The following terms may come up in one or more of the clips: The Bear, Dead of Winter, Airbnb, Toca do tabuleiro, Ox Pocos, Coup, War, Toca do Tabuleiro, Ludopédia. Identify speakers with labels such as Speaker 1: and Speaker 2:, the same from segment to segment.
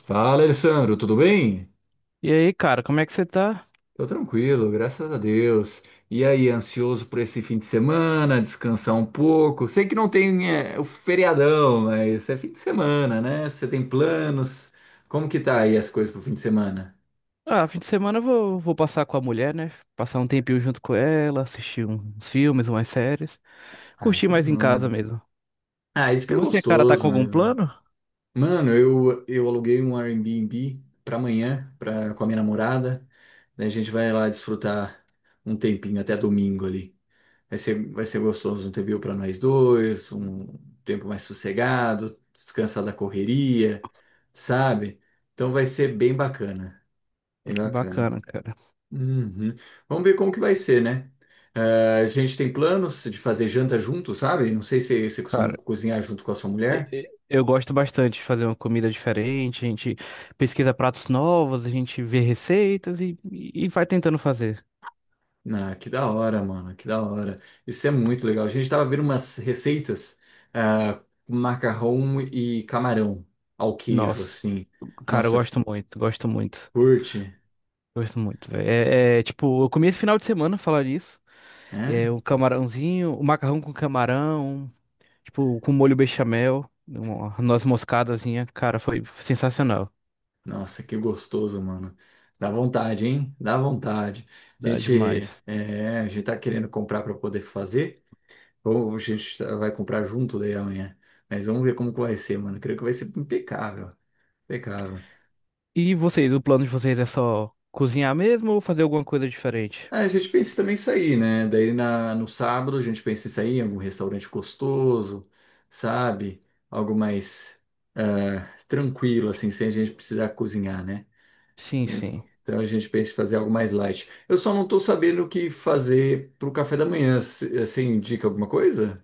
Speaker 1: Fala, Alessandro, tudo bem?
Speaker 2: E aí, cara, como é que você tá?
Speaker 1: Tô tranquilo, graças a Deus. E aí, ansioso por esse fim de semana, descansar um pouco? Sei que não tem, o feriadão, mas é fim de semana, né? Você tem planos? Como que tá aí as coisas pro fim de semana?
Speaker 2: Ah, fim de semana eu vou passar com a mulher, né? Passar um tempinho junto com ela, assistir uns filmes, umas séries.
Speaker 1: Ah,
Speaker 2: Curtir
Speaker 1: que
Speaker 2: mais em casa
Speaker 1: bom.
Speaker 2: mesmo.
Speaker 1: Ah, isso que
Speaker 2: E
Speaker 1: é
Speaker 2: você, cara, tá com
Speaker 1: gostoso
Speaker 2: algum
Speaker 1: mesmo.
Speaker 2: plano?
Speaker 1: Mano, eu aluguei um Airbnb pra amanhã, pra, com a minha namorada. Daí a gente vai lá desfrutar um tempinho até domingo ali. Vai ser gostoso um TBU para nós dois, um tempo mais sossegado, descansar da correria, sabe? Então vai ser bem bacana, bem bacana.
Speaker 2: Bacana, cara.
Speaker 1: Uhum. Vamos ver como que vai ser, né? Ah, a gente tem planos de fazer janta junto, sabe? Não sei se você costuma
Speaker 2: Cara,
Speaker 1: cozinhar junto com a sua
Speaker 2: e-
Speaker 1: mulher.
Speaker 2: e- eu gosto bastante de fazer uma comida diferente. A gente pesquisa pratos novos, a gente vê receitas e vai tentando fazer.
Speaker 1: Ah, que da hora, mano, que da hora. Isso é muito legal. A gente tava vendo umas receitas, ah, com macarrão e camarão ao queijo,
Speaker 2: Nossa,
Speaker 1: assim.
Speaker 2: cara, eu
Speaker 1: Nossa,
Speaker 2: gosto muito, gosto muito.
Speaker 1: curte.
Speaker 2: Gosto muito, velho. Tipo, eu comi esse final de semana, falar nisso. É,
Speaker 1: É?
Speaker 2: um camarãozinho, um macarrão com camarão, tipo, com molho bechamel, uma noz moscadazinha. Cara, foi sensacional.
Speaker 1: Nossa, que gostoso, mano. Dá vontade, hein? Dá vontade. A
Speaker 2: Dá
Speaker 1: gente,
Speaker 2: demais.
Speaker 1: a gente tá querendo comprar para poder fazer, ou a gente vai comprar junto daí amanhã. Mas vamos ver como que vai ser, mano. Creio que vai ser impecável. Impecável.
Speaker 2: E vocês, o plano de vocês é só cozinhar mesmo ou fazer alguma coisa diferente?
Speaker 1: Ah, a gente pensa também em sair, né? Daí no sábado a gente pensa em sair em algum restaurante gostoso, sabe? Algo mais tranquilo, assim, sem a gente precisar cozinhar, né?
Speaker 2: Sim, sim.
Speaker 1: Então a gente pensa em fazer algo mais light. Eu só não estou sabendo o que fazer para o café da manhã. Você indica alguma coisa?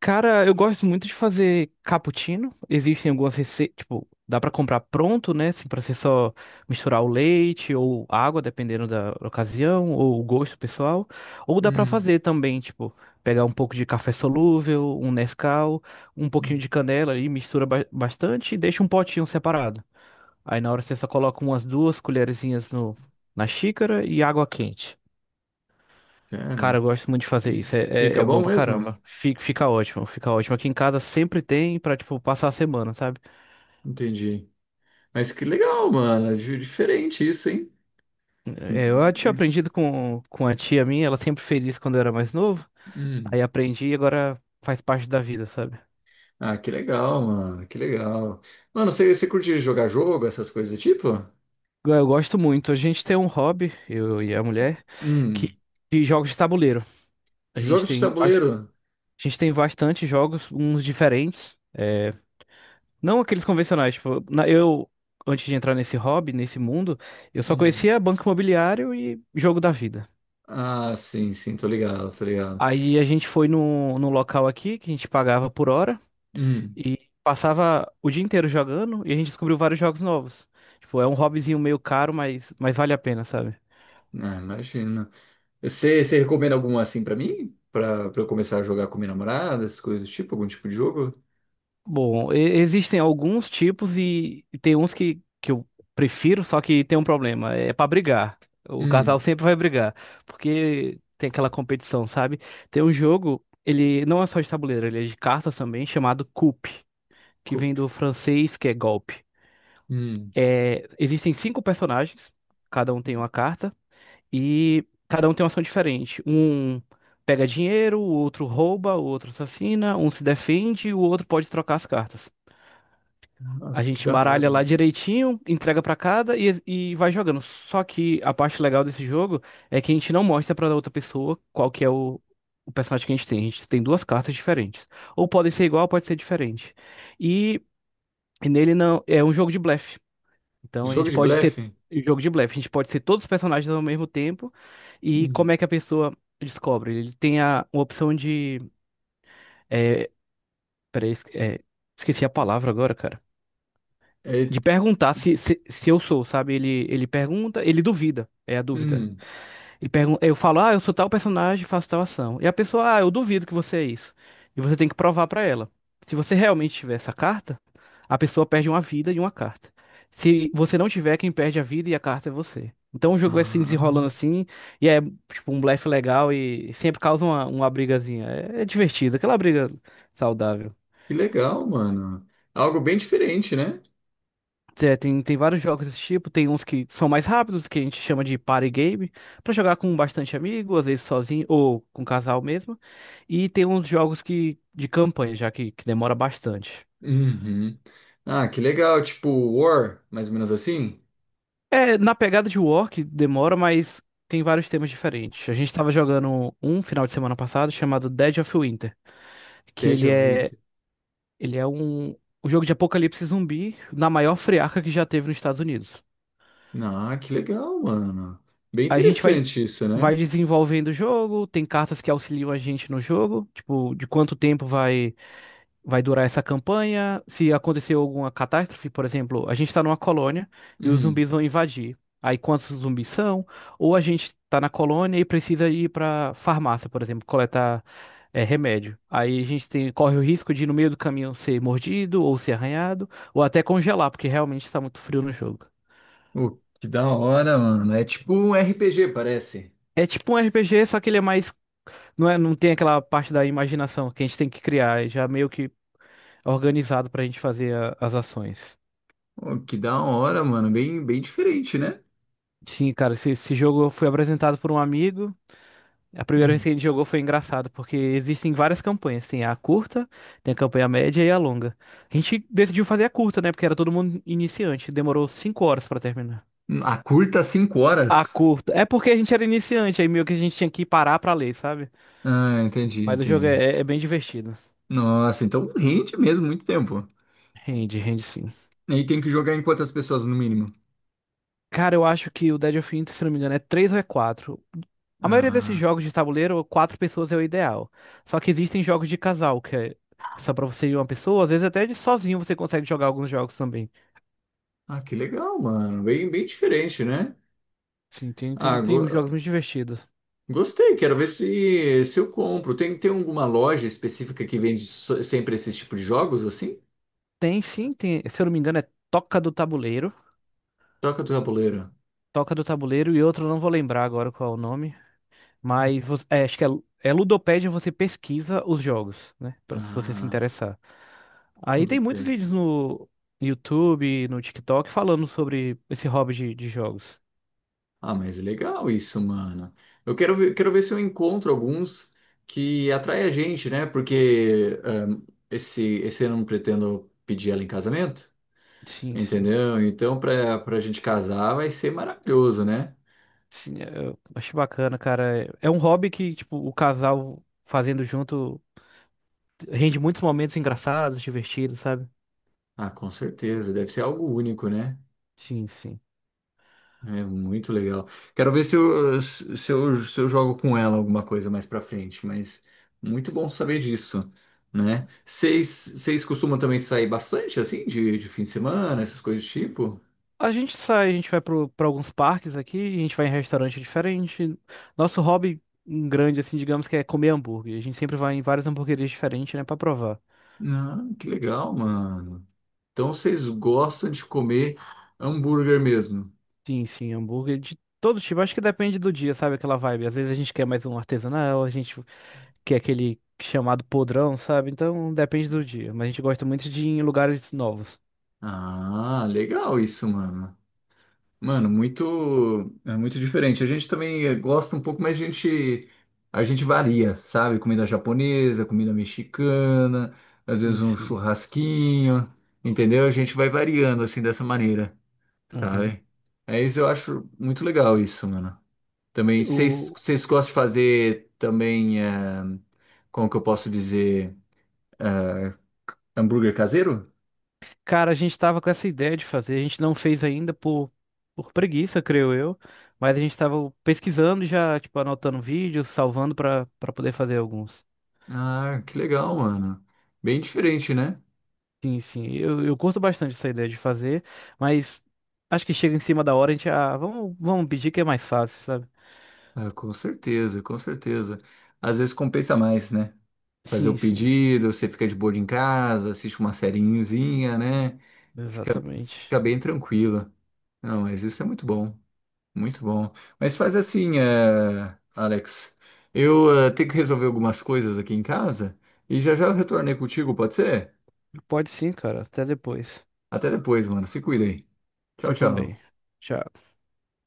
Speaker 2: Cara, eu gosto muito de fazer cappuccino. Existem algumas receitas, tipo, dá pra comprar pronto, né? Assim, pra você só misturar o leite ou água, dependendo da ocasião, ou o gosto pessoal. Ou dá pra
Speaker 1: Hum,
Speaker 2: fazer também, tipo, pegar um pouco de café solúvel, um Nescau, um pouquinho
Speaker 1: hum.
Speaker 2: de canela ali, mistura bastante e deixa um potinho separado. Aí na hora você só coloca umas duas colherzinhas no, na xícara e água quente. Cara,
Speaker 1: Cara,
Speaker 2: eu gosto muito de fazer
Speaker 1: e
Speaker 2: isso.
Speaker 1: fica
Speaker 2: É bom
Speaker 1: bom
Speaker 2: pra caramba.
Speaker 1: mesmo?
Speaker 2: Fica ótimo, fica ótimo. Aqui em casa sempre tem pra, tipo, passar a semana, sabe?
Speaker 1: Entendi. Mas que legal, mano. É Diferente isso, hein?
Speaker 2: É, eu tinha aprendido com a tia minha, ela sempre fez isso quando eu era mais novo.
Speaker 1: Hum.
Speaker 2: Aí aprendi e agora faz parte da vida, sabe?
Speaker 1: Ah, que legal, mano. Que legal. Mano, você curte jogar jogo, essas coisas do tipo?
Speaker 2: Eu gosto muito. A gente tem um hobby, eu e a mulher,
Speaker 1: Hum.
Speaker 2: que de jogos de tabuleiro. A
Speaker 1: Jogo
Speaker 2: gente
Speaker 1: de
Speaker 2: tem, bas-
Speaker 1: tabuleiro?
Speaker 2: a gente tem bastante jogos, uns diferentes. É, não aqueles convencionais, tipo, antes de entrar nesse hobby, nesse mundo, eu só
Speaker 1: Hum,
Speaker 2: conhecia banco imobiliário e jogo da vida.
Speaker 1: Ah, sim, sim, tô ligado, tô ligado.
Speaker 2: Aí a gente foi num local aqui que a gente pagava por hora
Speaker 1: Hum.
Speaker 2: e passava o dia inteiro jogando, e a gente descobriu vários jogos novos. Tipo, é um hobbyzinho meio caro, mas vale a pena, sabe?
Speaker 1: Ah, imagina. Você recomenda alguma assim pra mim? Pra eu começar a jogar com minha namorada, essas coisas do tipo, algum tipo de jogo?
Speaker 2: Bom, existem alguns tipos, e tem uns que eu prefiro, só que tem um problema: é pra brigar. O
Speaker 1: Hum,
Speaker 2: casal sempre vai brigar, porque tem aquela competição, sabe? Tem um jogo, ele não é só de tabuleiro, ele é de cartas também, chamado Coup, que vem
Speaker 1: Coop.
Speaker 2: do francês, que é golpe.
Speaker 1: Hum,
Speaker 2: É, existem cinco personagens, cada um tem uma carta, e cada um tem uma ação diferente. Um pega dinheiro, o outro rouba, o outro assassina, um se defende, o outro pode trocar as cartas. A
Speaker 1: nossa, que
Speaker 2: gente
Speaker 1: da hora.
Speaker 2: embaralha lá direitinho, entrega pra cada e vai jogando. Só que a parte legal desse jogo é que a gente não mostra pra outra pessoa qual que é o personagem que a gente tem. A gente tem duas cartas diferentes. Ou podem ser igual, pode ser diferente. E, e nele não é um jogo de blefe. Então a
Speaker 1: Jogo
Speaker 2: gente
Speaker 1: de
Speaker 2: pode ser
Speaker 1: blefe?
Speaker 2: um jogo de blefe, a gente pode ser todos os personagens ao mesmo tempo. E
Speaker 1: Hum,
Speaker 2: como é que a pessoa descobre? Ele tem uma opção de é, peraí, es- é, esqueci a palavra agora, cara.
Speaker 1: é,
Speaker 2: De perguntar se eu sou, sabe? Ele pergunta, ele duvida, é a dúvida.
Speaker 1: hum.
Speaker 2: Ele pergunta, eu falo, ah, eu sou tal personagem, faço tal ação. E a pessoa, ah, eu duvido que você é isso. E você tem que provar pra ela. Se você realmente tiver essa carta, a pessoa perde uma vida e uma carta. Se você não tiver, quem perde a vida e a carta é você. Então o jogo vai se desenrolando
Speaker 1: Ah,
Speaker 2: assim, e é tipo um blefe legal, e sempre causa uma brigazinha. É, é divertido, aquela briga saudável.
Speaker 1: que legal, mano. Algo bem diferente, né?
Speaker 2: É, tem vários jogos desse tipo, tem uns que são mais rápidos, que a gente chama de party game, pra jogar com bastante amigo, às vezes sozinho ou com casal mesmo. E tem uns jogos que de campanha, que demora bastante.
Speaker 1: Uhum. Ah, que legal, tipo War, mais ou menos assim?
Speaker 2: É, na pegada de War, que demora, mas tem vários temas diferentes. A gente tava jogando um final de semana passado chamado Dead of Winter, que
Speaker 1: Dead of It.
Speaker 2: ele é um um jogo de apocalipse zumbi na maior friarca que já teve nos Estados Unidos.
Speaker 1: Ah, que legal, mano. Bem
Speaker 2: A gente
Speaker 1: interessante isso, né?
Speaker 2: vai desenvolvendo o jogo, tem cartas que auxiliam a gente no jogo, tipo, de quanto tempo vai durar essa campanha, se aconteceu alguma catástrofe. Por exemplo, a gente tá numa colônia e os
Speaker 1: Hum.
Speaker 2: zumbis vão invadir. Aí quantos zumbis são? Ou a gente tá na colônia e precisa ir pra farmácia, por exemplo, coletar, é, remédio. Aí a gente tem, corre o risco de no meio do caminho ser mordido ou ser arranhado, ou até congelar, porque realmente tá muito frio no jogo.
Speaker 1: Oh, que da hora, mano. É tipo um RPG, parece.
Speaker 2: É tipo um RPG, só que ele é mais, não é, não tem aquela parte da imaginação que a gente tem que criar, é já meio que organizado pra gente fazer as ações.
Speaker 1: Pô, que da hora, mano. Bem, bem diferente, né?
Speaker 2: Sim, cara, esse jogo foi apresentado por um amigo. A primeira vez
Speaker 1: Hum.
Speaker 2: que a gente jogou foi engraçado, porque existem várias campanhas. Tem a curta, tem a campanha média e a longa. A gente decidiu fazer a curta, né? Porque era todo mundo iniciante. Demorou 5 horas pra terminar.
Speaker 1: A curta, cinco
Speaker 2: A
Speaker 1: horas.
Speaker 2: curta. É porque a gente era iniciante, aí meio que a gente tinha que parar pra ler, sabe?
Speaker 1: Ah, entendi,
Speaker 2: Mas o jogo
Speaker 1: entendi.
Speaker 2: é, é bem divertido.
Speaker 1: Nossa, então rende mesmo muito tempo.
Speaker 2: Rende, rende sim.
Speaker 1: E tem que jogar em quantas pessoas no mínimo?
Speaker 2: Cara, eu acho que o Dead of Winter, se não me engano, é 3 ou é 4. A maioria desses
Speaker 1: Ah,
Speaker 2: jogos de tabuleiro, quatro pessoas é o ideal. Só que existem jogos de casal, que é só pra você e uma pessoa, às vezes até de sozinho você consegue jogar alguns jogos também.
Speaker 1: ah, que legal, mano. Bem, bem diferente, né?
Speaker 2: Sim, tem,
Speaker 1: Ah,
Speaker 2: tem uns jogos
Speaker 1: go-
Speaker 2: muito divertidos.
Speaker 1: gostei. Quero ver se eu compro. Tem alguma loja específica que vende sempre esse tipo de jogos assim?
Speaker 2: Tem sim, tem, se eu não me engano, é Toca do Tabuleiro.
Speaker 1: Toca do tabuleiro.
Speaker 2: Toca do Tabuleiro, e outro eu não vou lembrar agora qual é o nome.
Speaker 1: Hum.
Speaker 2: Mas é, acho que é, é Ludopédia. Você pesquisa os jogos, né? Pra, se você se
Speaker 1: Ah,
Speaker 2: interessar. Aí tem
Speaker 1: tudo
Speaker 2: muitos
Speaker 1: bem.
Speaker 2: vídeos no YouTube, no TikTok, falando sobre esse hobby de jogos.
Speaker 1: Ah, mas legal isso, mano. Quero ver se eu encontro alguns que atraem a gente, né? Porque esse ano eu não pretendo pedir ela em casamento,
Speaker 2: Sim, sim.
Speaker 1: entendeu? Então, pra gente casar vai ser maravilhoso, né?
Speaker 2: Sim, eu acho bacana, cara. É um hobby que, tipo, o casal fazendo junto rende muitos momentos engraçados, divertidos, sabe?
Speaker 1: Ah, com certeza. Deve ser algo único, né?
Speaker 2: Sim, sim.
Speaker 1: É muito legal. Quero ver se eu jogo com ela alguma coisa mais pra frente, mas muito bom saber disso, né? Vocês costumam também sair bastante, assim, de fim de semana, essas coisas do tipo?
Speaker 2: A gente sai, a gente vai pra alguns parques aqui, a gente vai em restaurante diferente. Nosso hobby grande, assim, digamos que é comer hambúrguer. A gente sempre vai em várias hamburguerias diferentes, né, pra provar.
Speaker 1: Ah, que legal, mano. Então vocês gostam de comer hambúrguer mesmo?
Speaker 2: Sim, sim, hambúrguer de todo tipo. Acho que depende do dia, sabe, aquela vibe. Às vezes a gente quer mais um artesanal, a gente quer aquele chamado podrão, sabe? Então depende do dia. Mas a gente gosta muito de ir em lugares novos.
Speaker 1: Ah, legal isso, mano. Mano, é muito diferente. A gente também gosta um pouco, mas a gente varia, sabe? Comida japonesa, comida mexicana, às
Speaker 2: Sim,
Speaker 1: vezes um
Speaker 2: sim.
Speaker 1: churrasquinho, entendeu? A gente vai variando assim dessa maneira, sabe? É isso, eu acho muito legal isso, mano. Também, vocês
Speaker 2: Aham.
Speaker 1: vocês gostam de fazer também, como que eu posso dizer, eh, hambúrguer caseiro?
Speaker 2: Cara, a gente estava com essa ideia de fazer, a gente não fez ainda por preguiça, creio eu, mas a gente estava pesquisando e já, tipo, anotando vídeos, salvando para poder fazer alguns.
Speaker 1: Ah, que legal, mano. Bem diferente, né?
Speaker 2: Sim, sim, eu curto bastante essa ideia de fazer, mas acho que chega em cima da hora, a gente, ah, vamos pedir que é mais fácil, sabe?
Speaker 1: Ah, com certeza, com certeza. Às vezes compensa mais, né? Fazer o
Speaker 2: Sim, sim,
Speaker 1: pedido, você fica de boa em casa, assiste uma sériezinha, né? Fica, fica
Speaker 2: exatamente.
Speaker 1: bem tranquila. Não, mas isso é muito bom, muito bom. Mas faz assim, Alex, eu tenho que resolver algumas coisas aqui em casa e já já eu retornei contigo, pode ser?
Speaker 2: Pode sim, cara, até depois.
Speaker 1: Até depois, mano. Se cuida aí. Tchau,
Speaker 2: Você
Speaker 1: tchau.
Speaker 2: também. Tchau.